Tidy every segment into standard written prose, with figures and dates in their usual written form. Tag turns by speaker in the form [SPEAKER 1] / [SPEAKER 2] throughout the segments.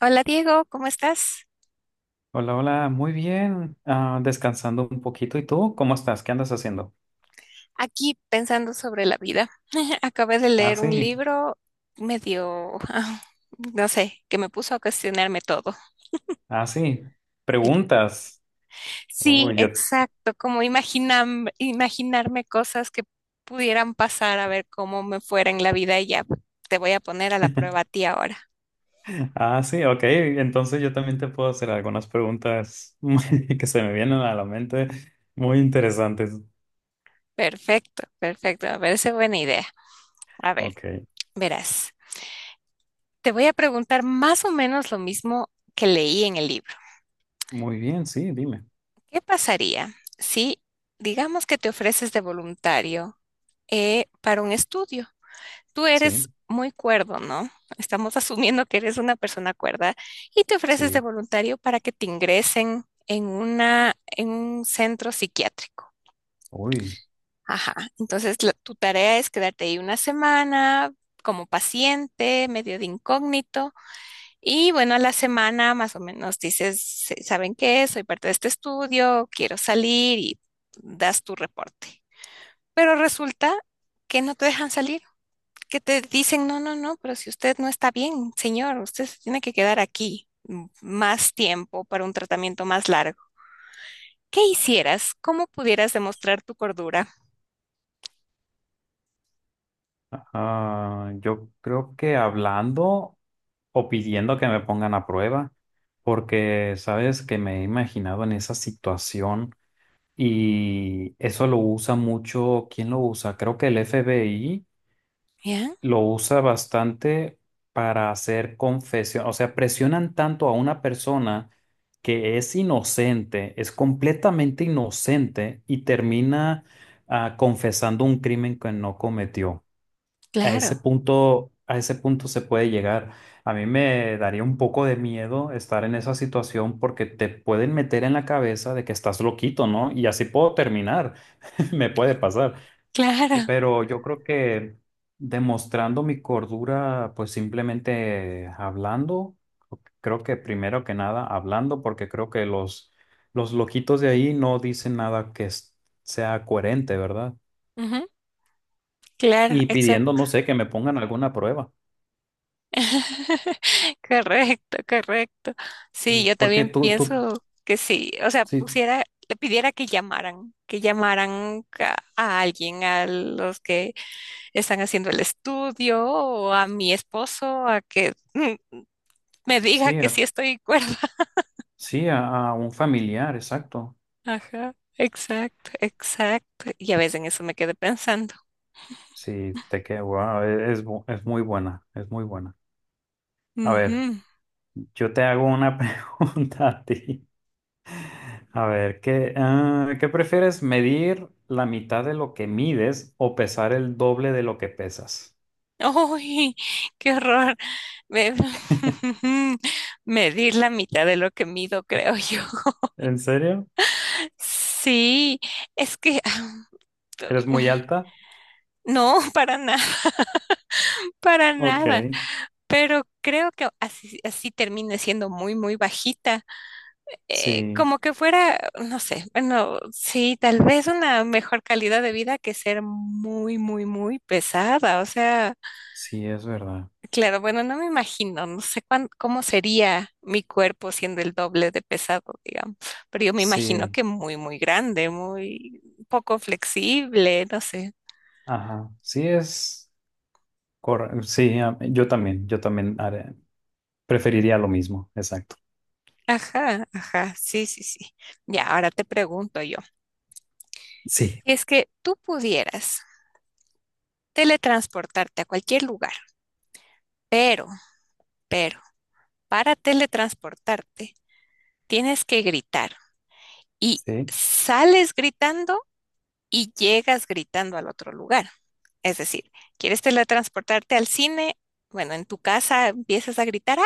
[SPEAKER 1] Hola Diego, ¿cómo estás?
[SPEAKER 2] Hola, hola, muy bien. Descansando un poquito. ¿Y tú? ¿Cómo estás? ¿Qué andas haciendo?
[SPEAKER 1] Aquí pensando sobre la vida. Acabé de
[SPEAKER 2] Ah,
[SPEAKER 1] leer un
[SPEAKER 2] sí,
[SPEAKER 1] libro medio, no sé, que me puso a cuestionarme todo.
[SPEAKER 2] ah, sí.
[SPEAKER 1] Sí,
[SPEAKER 2] Preguntas. Oh,
[SPEAKER 1] sí,
[SPEAKER 2] yo.
[SPEAKER 1] exacto, como imaginarme cosas que pudieran pasar a ver cómo me fuera en la vida y ya te voy a poner a la prueba a ti ahora.
[SPEAKER 2] Ah, sí, ok. Entonces yo también te puedo hacer algunas preguntas que se me vienen a la mente muy interesantes.
[SPEAKER 1] Perfecto, perfecto, me parece buena idea. A ver,
[SPEAKER 2] Ok.
[SPEAKER 1] verás, te voy a preguntar más o menos lo mismo que leí en el libro.
[SPEAKER 2] Muy bien, sí, dime.
[SPEAKER 1] ¿Qué pasaría si, digamos que te ofreces de voluntario para un estudio? Tú eres
[SPEAKER 2] Sí,
[SPEAKER 1] muy cuerdo, ¿no? Estamos asumiendo que eres una persona cuerda y te ofreces de
[SPEAKER 2] sí.
[SPEAKER 1] voluntario para que te ingresen en una, en un centro psiquiátrico.
[SPEAKER 2] Uy.
[SPEAKER 1] Ajá. Entonces, tu tarea es quedarte ahí una semana como paciente, medio de incógnito, y bueno, a la semana más o menos dices, ¿saben qué? Soy parte de este estudio, quiero salir y das tu reporte. Pero resulta que no te dejan salir, que te dicen, no, no, no, pero si usted no está bien, señor, usted se tiene que quedar aquí más tiempo para un tratamiento más largo. ¿Qué hicieras? ¿Cómo pudieras demostrar tu cordura?
[SPEAKER 2] Yo creo que hablando o pidiendo que me pongan a prueba, porque sabes que me he imaginado en esa situación. Y eso lo usa mucho, ¿quién lo usa? Creo que el FBI
[SPEAKER 1] ¿Ya?
[SPEAKER 2] lo usa bastante para hacer confesión, o sea, presionan tanto a una persona que es inocente, es completamente inocente y termina confesando un crimen que no cometió.
[SPEAKER 1] Claro,
[SPEAKER 2] A ese punto se puede llegar. A mí me daría un poco de miedo estar en esa situación porque te pueden meter en la cabeza de que estás loquito, ¿no? Y así puedo terminar. Me puede pasar.
[SPEAKER 1] claro,
[SPEAKER 2] Pero yo creo que demostrando mi cordura, pues simplemente hablando, creo que primero que nada hablando, porque creo que los loquitos de ahí no dicen nada que sea coherente, ¿verdad?
[SPEAKER 1] ujú, claro,
[SPEAKER 2] Y pidiendo,
[SPEAKER 1] exacto.
[SPEAKER 2] no sé, que me pongan alguna prueba,
[SPEAKER 1] Correcto, correcto. Sí, yo
[SPEAKER 2] porque
[SPEAKER 1] también
[SPEAKER 2] tú,
[SPEAKER 1] pienso que sí. O sea,
[SPEAKER 2] sí,
[SPEAKER 1] pusiera, le pidiera que llamaran a alguien, a los que están haciendo el estudio, o a mi esposo, a que me diga
[SPEAKER 2] sí,
[SPEAKER 1] que sí estoy cuerda.
[SPEAKER 2] sí, a un familiar, exacto.
[SPEAKER 1] Ajá, exacto, exacto. Y a veces en eso me quedé pensando.
[SPEAKER 2] Sí, te queda, wow, es, es muy buena, es muy buena. A ver,
[SPEAKER 1] Ujú.
[SPEAKER 2] yo te hago una pregunta a ti. A ver, ¿qué prefieres? ¿Medir la mitad de lo que mides o pesar el doble de lo que pesas?
[SPEAKER 1] ¡Uy! ¡Qué horror! Me, medir la mitad de lo que mido, creo yo.
[SPEAKER 2] ¿En serio?
[SPEAKER 1] Sí, es que
[SPEAKER 2] ¿Eres muy alta?
[SPEAKER 1] no, para nada, para
[SPEAKER 2] Ok,
[SPEAKER 1] nada. Pero creo que así, así termine siendo muy, muy bajita.
[SPEAKER 2] sí,
[SPEAKER 1] Como que fuera, no sé, bueno, sí, tal vez una mejor calidad de vida que ser muy, muy, muy pesada. O sea,
[SPEAKER 2] sí, es verdad.
[SPEAKER 1] claro, bueno, no me imagino, no sé cómo sería mi cuerpo siendo el doble de pesado, digamos. Pero yo me imagino
[SPEAKER 2] Sí,
[SPEAKER 1] que muy, muy grande, muy poco flexible, no sé.
[SPEAKER 2] ajá, sí es correcto. Sí, yo también, preferiría lo mismo, exacto.
[SPEAKER 1] Ajá, ajá, sí, sí, sí. Ya, ahora te pregunto yo,
[SPEAKER 2] Sí,
[SPEAKER 1] si es que tú pudieras teletransportarte a cualquier lugar, pero, pero, para teletransportarte tienes que gritar y
[SPEAKER 2] sí.
[SPEAKER 1] sales gritando y llegas gritando al otro lugar. Es decir, quieres teletransportarte al cine, bueno, en tu casa empiezas a gritar, ¡ah!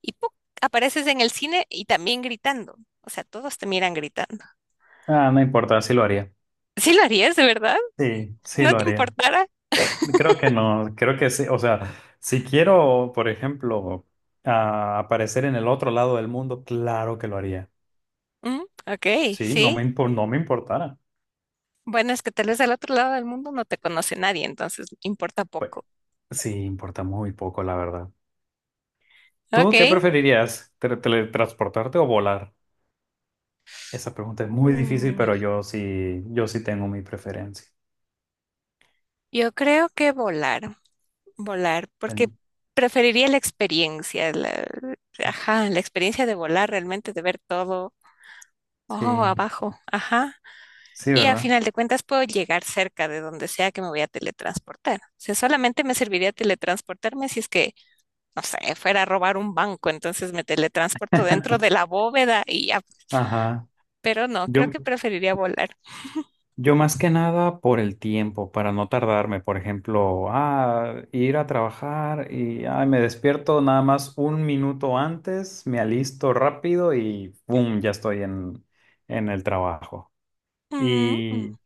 [SPEAKER 1] Y ¡puc! Apareces en el cine y también gritando. O sea, todos te miran gritando.
[SPEAKER 2] Ah, no importa, sí lo haría.
[SPEAKER 1] ¿Sí lo harías, de verdad?
[SPEAKER 2] Sí, sí
[SPEAKER 1] ¿No
[SPEAKER 2] lo
[SPEAKER 1] te
[SPEAKER 2] haría.
[SPEAKER 1] importara?
[SPEAKER 2] Creo que no, creo que sí, o sea, si quiero, por ejemplo, aparecer en el otro lado del mundo, claro que lo haría.
[SPEAKER 1] Mm, ok,
[SPEAKER 2] Sí,
[SPEAKER 1] sí.
[SPEAKER 2] no me importara.
[SPEAKER 1] Bueno, es que tal vez al otro lado del mundo no te conoce nadie, entonces importa
[SPEAKER 2] Pues,
[SPEAKER 1] poco.
[SPEAKER 2] sí, importa muy poco, la verdad.
[SPEAKER 1] Ok.
[SPEAKER 2] ¿Tú qué preferirías, teletransportarte o volar? Esa pregunta es muy difícil,
[SPEAKER 1] Mm,
[SPEAKER 2] pero yo sí, yo sí tengo mi preferencia.
[SPEAKER 1] yo creo que volar, volar, porque
[SPEAKER 2] En-
[SPEAKER 1] preferiría la experiencia, la, ajá, la experiencia de volar realmente, de ver todo, ojo,
[SPEAKER 2] Sí,
[SPEAKER 1] abajo, ajá.
[SPEAKER 2] sí,
[SPEAKER 1] Y a
[SPEAKER 2] ¿verdad?
[SPEAKER 1] final de cuentas puedo llegar cerca de donde sea que me voy a teletransportar. O sea, solamente me serviría teletransportarme si es que no sé, fuera a robar un banco, entonces me teletransporto dentro de la bóveda y ya,
[SPEAKER 2] Ajá.
[SPEAKER 1] pero no, creo
[SPEAKER 2] Yo,
[SPEAKER 1] que preferiría volar.
[SPEAKER 2] Yo más que nada por el tiempo, para no tardarme, por ejemplo, ir a trabajar y ay, me despierto nada más 1 minuto antes, me alisto rápido y ¡pum! Ya estoy en el trabajo.
[SPEAKER 1] Mm, mm,
[SPEAKER 2] Y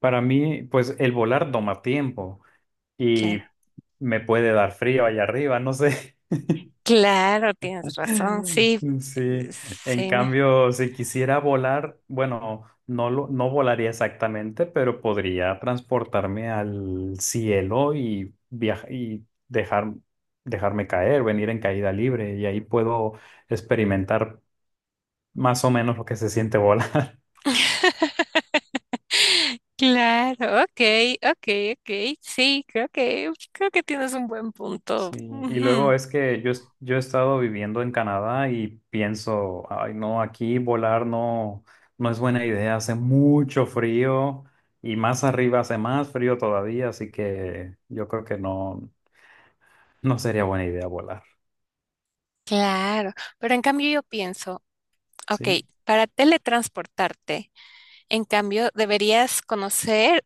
[SPEAKER 2] para mí, pues el volar toma tiempo y
[SPEAKER 1] claro,
[SPEAKER 2] me puede dar frío allá arriba, no sé.
[SPEAKER 1] claro, tienes razón, sí,
[SPEAKER 2] Sí, en
[SPEAKER 1] sí,
[SPEAKER 2] cambio, si quisiera volar, bueno, no volaría exactamente, pero podría transportarme al cielo y viajar y dejarme caer, venir en caída libre, y ahí puedo experimentar más o menos lo que se siente volar.
[SPEAKER 1] claro, ok, ok, ok, sí, creo que tienes un buen punto.
[SPEAKER 2] Sí, y luego
[SPEAKER 1] Ujú.
[SPEAKER 2] es que yo, yo he estado viviendo en Canadá y pienso, ay no, aquí volar no, no es buena idea, hace mucho frío y más arriba hace más frío todavía, así que yo creo que no, no sería buena idea volar,
[SPEAKER 1] Claro, pero en cambio yo pienso, ok,
[SPEAKER 2] ¿sí?
[SPEAKER 1] para teletransportarte, en cambio deberías conocer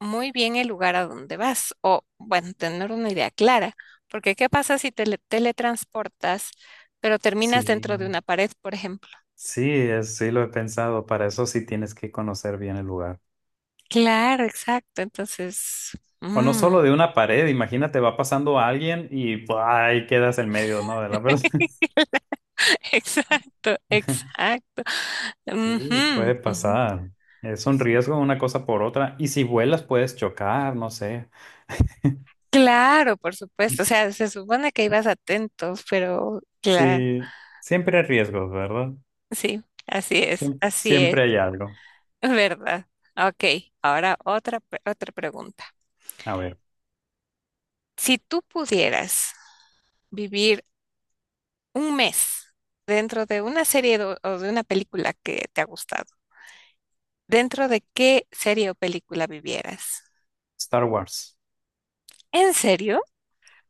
[SPEAKER 1] muy bien el lugar a donde vas o, bueno, tener una idea clara, porque ¿qué pasa si teletransportas, pero terminas
[SPEAKER 2] Sí,
[SPEAKER 1] dentro de una pared, por ejemplo?
[SPEAKER 2] sí, sí lo he pensado, para eso sí tienes que conocer bien el lugar.
[SPEAKER 1] Claro, exacto. Entonces,
[SPEAKER 2] O no
[SPEAKER 1] mm,
[SPEAKER 2] solo de una pared, imagínate, va pasando alguien y ¡buah! Ahí quedas en medio, ¿no? De la verdad.
[SPEAKER 1] exacto, exacto.
[SPEAKER 2] Sí, puede
[SPEAKER 1] Ujú, ujú.
[SPEAKER 2] pasar. Es un riesgo una cosa por otra. Y si vuelas puedes chocar, no sé.
[SPEAKER 1] Claro, por supuesto. O sea, se supone que ibas atentos, pero claro,
[SPEAKER 2] Sí, siempre hay riesgos, ¿verdad?
[SPEAKER 1] sí, así es,
[SPEAKER 2] Siempre hay algo.
[SPEAKER 1] ¿verdad? Ok, ahora otra, otra pregunta.
[SPEAKER 2] A ver,
[SPEAKER 1] Si tú pudieras vivir un mes dentro de una serie o de una película que te ha gustado, ¿dentro de qué serie o película vivieras?
[SPEAKER 2] Star Wars.
[SPEAKER 1] ¿En serio?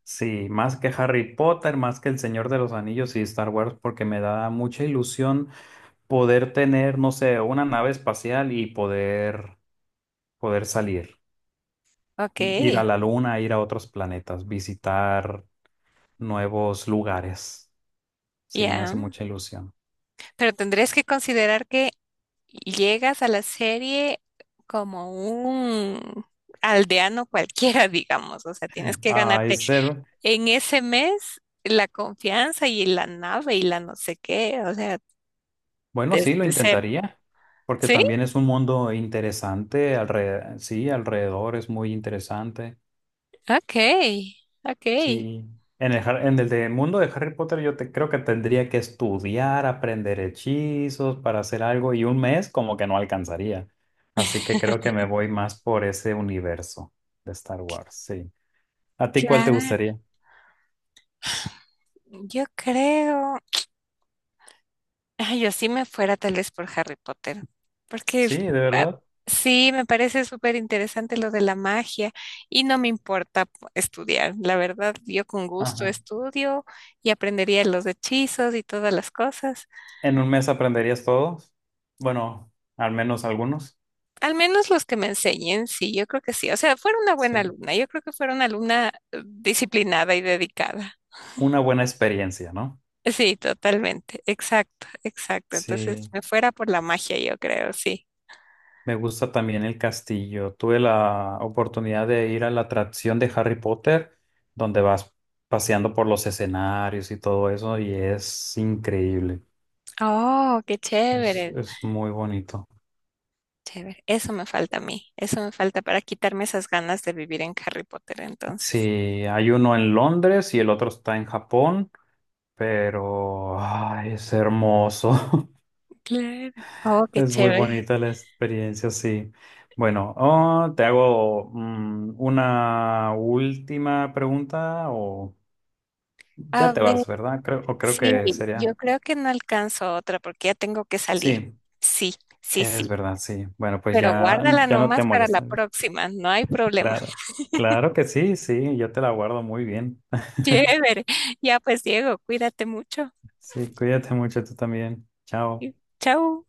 [SPEAKER 2] Sí, más que Harry Potter, más que El Señor de los Anillos y Star Wars, porque me da mucha ilusión poder tener, no sé, una nave espacial y poder salir,
[SPEAKER 1] Ok,
[SPEAKER 2] ir a la luna, ir a otros planetas, visitar nuevos lugares. Sí, me hace
[SPEAKER 1] ya.
[SPEAKER 2] mucha ilusión.
[SPEAKER 1] Pero tendrías que considerar que llegas a la serie como un aldeano cualquiera, digamos. O sea, tienes que
[SPEAKER 2] A
[SPEAKER 1] ganarte
[SPEAKER 2] ser,
[SPEAKER 1] en ese mes la confianza y la nave y la no sé qué. O sea,
[SPEAKER 2] bueno,
[SPEAKER 1] desde
[SPEAKER 2] sí, lo
[SPEAKER 1] cero.
[SPEAKER 2] intentaría, porque
[SPEAKER 1] ¿Sí?
[SPEAKER 2] también es un mundo interesante, alrededor, sí, alrededor es muy interesante,
[SPEAKER 1] Ok, ok.
[SPEAKER 2] sí. Mundo de Harry Potter creo que tendría que estudiar, aprender hechizos para hacer algo y 1 mes como que no alcanzaría. Así que creo que me voy más por ese universo de Star Wars, sí. ¿A ti cuál te
[SPEAKER 1] Claro.
[SPEAKER 2] gustaría?
[SPEAKER 1] Yo creo, ay, yo sí me fuera tal vez por Harry Potter, porque
[SPEAKER 2] Sí, de
[SPEAKER 1] ah,
[SPEAKER 2] verdad.
[SPEAKER 1] sí, me parece súper interesante lo de la magia y no me importa estudiar. La verdad, yo con gusto
[SPEAKER 2] Ajá.
[SPEAKER 1] estudio y aprendería los hechizos y todas las cosas.
[SPEAKER 2] ¿En 1 mes aprenderías todos? Bueno, al menos algunos.
[SPEAKER 1] Al menos los que me enseñen, sí, yo creo que sí. O sea, fuera una buena
[SPEAKER 2] Sí.
[SPEAKER 1] alumna. Yo creo que fuera una alumna disciplinada y dedicada.
[SPEAKER 2] Una buena experiencia, ¿no?
[SPEAKER 1] Sí, totalmente. Exacto, exacto. Entonces,
[SPEAKER 2] Sí,
[SPEAKER 1] me fuera por la magia, yo creo, sí.
[SPEAKER 2] me gusta también el castillo. Tuve la oportunidad de ir a la atracción de Harry Potter, donde vas paseando por los escenarios y todo eso, y es increíble.
[SPEAKER 1] Oh, qué chévere,
[SPEAKER 2] Es muy bonito.
[SPEAKER 1] chévere. Eso me falta a mí. Eso me falta para quitarme esas ganas de vivir en Harry Potter,
[SPEAKER 2] Sí,
[SPEAKER 1] entonces.
[SPEAKER 2] hay uno en Londres y el otro está en Japón, pero ay, es hermoso.
[SPEAKER 1] Claro. Oh, qué
[SPEAKER 2] Es muy
[SPEAKER 1] chévere.
[SPEAKER 2] bonita la experiencia, sí. Bueno, oh, te hago una última pregunta o
[SPEAKER 1] A
[SPEAKER 2] ya te
[SPEAKER 1] ver,
[SPEAKER 2] vas, ¿verdad? Creo, o creo
[SPEAKER 1] sí,
[SPEAKER 2] que
[SPEAKER 1] yo
[SPEAKER 2] sería.
[SPEAKER 1] creo que no alcanzo otra porque ya tengo que salir.
[SPEAKER 2] Sí,
[SPEAKER 1] Sí, sí,
[SPEAKER 2] es
[SPEAKER 1] sí.
[SPEAKER 2] verdad, sí. Bueno, pues
[SPEAKER 1] Pero
[SPEAKER 2] ya,
[SPEAKER 1] guárdala
[SPEAKER 2] ya no te
[SPEAKER 1] nomás para la
[SPEAKER 2] molestas.
[SPEAKER 1] próxima, no hay problema.
[SPEAKER 2] Claro, claro que sí, sí, yo te la guardo muy bien.
[SPEAKER 1] Chévere. Ya pues, Diego, cuídate mucho.
[SPEAKER 2] Sí, cuídate mucho tú también. Chao.
[SPEAKER 1] Y chao.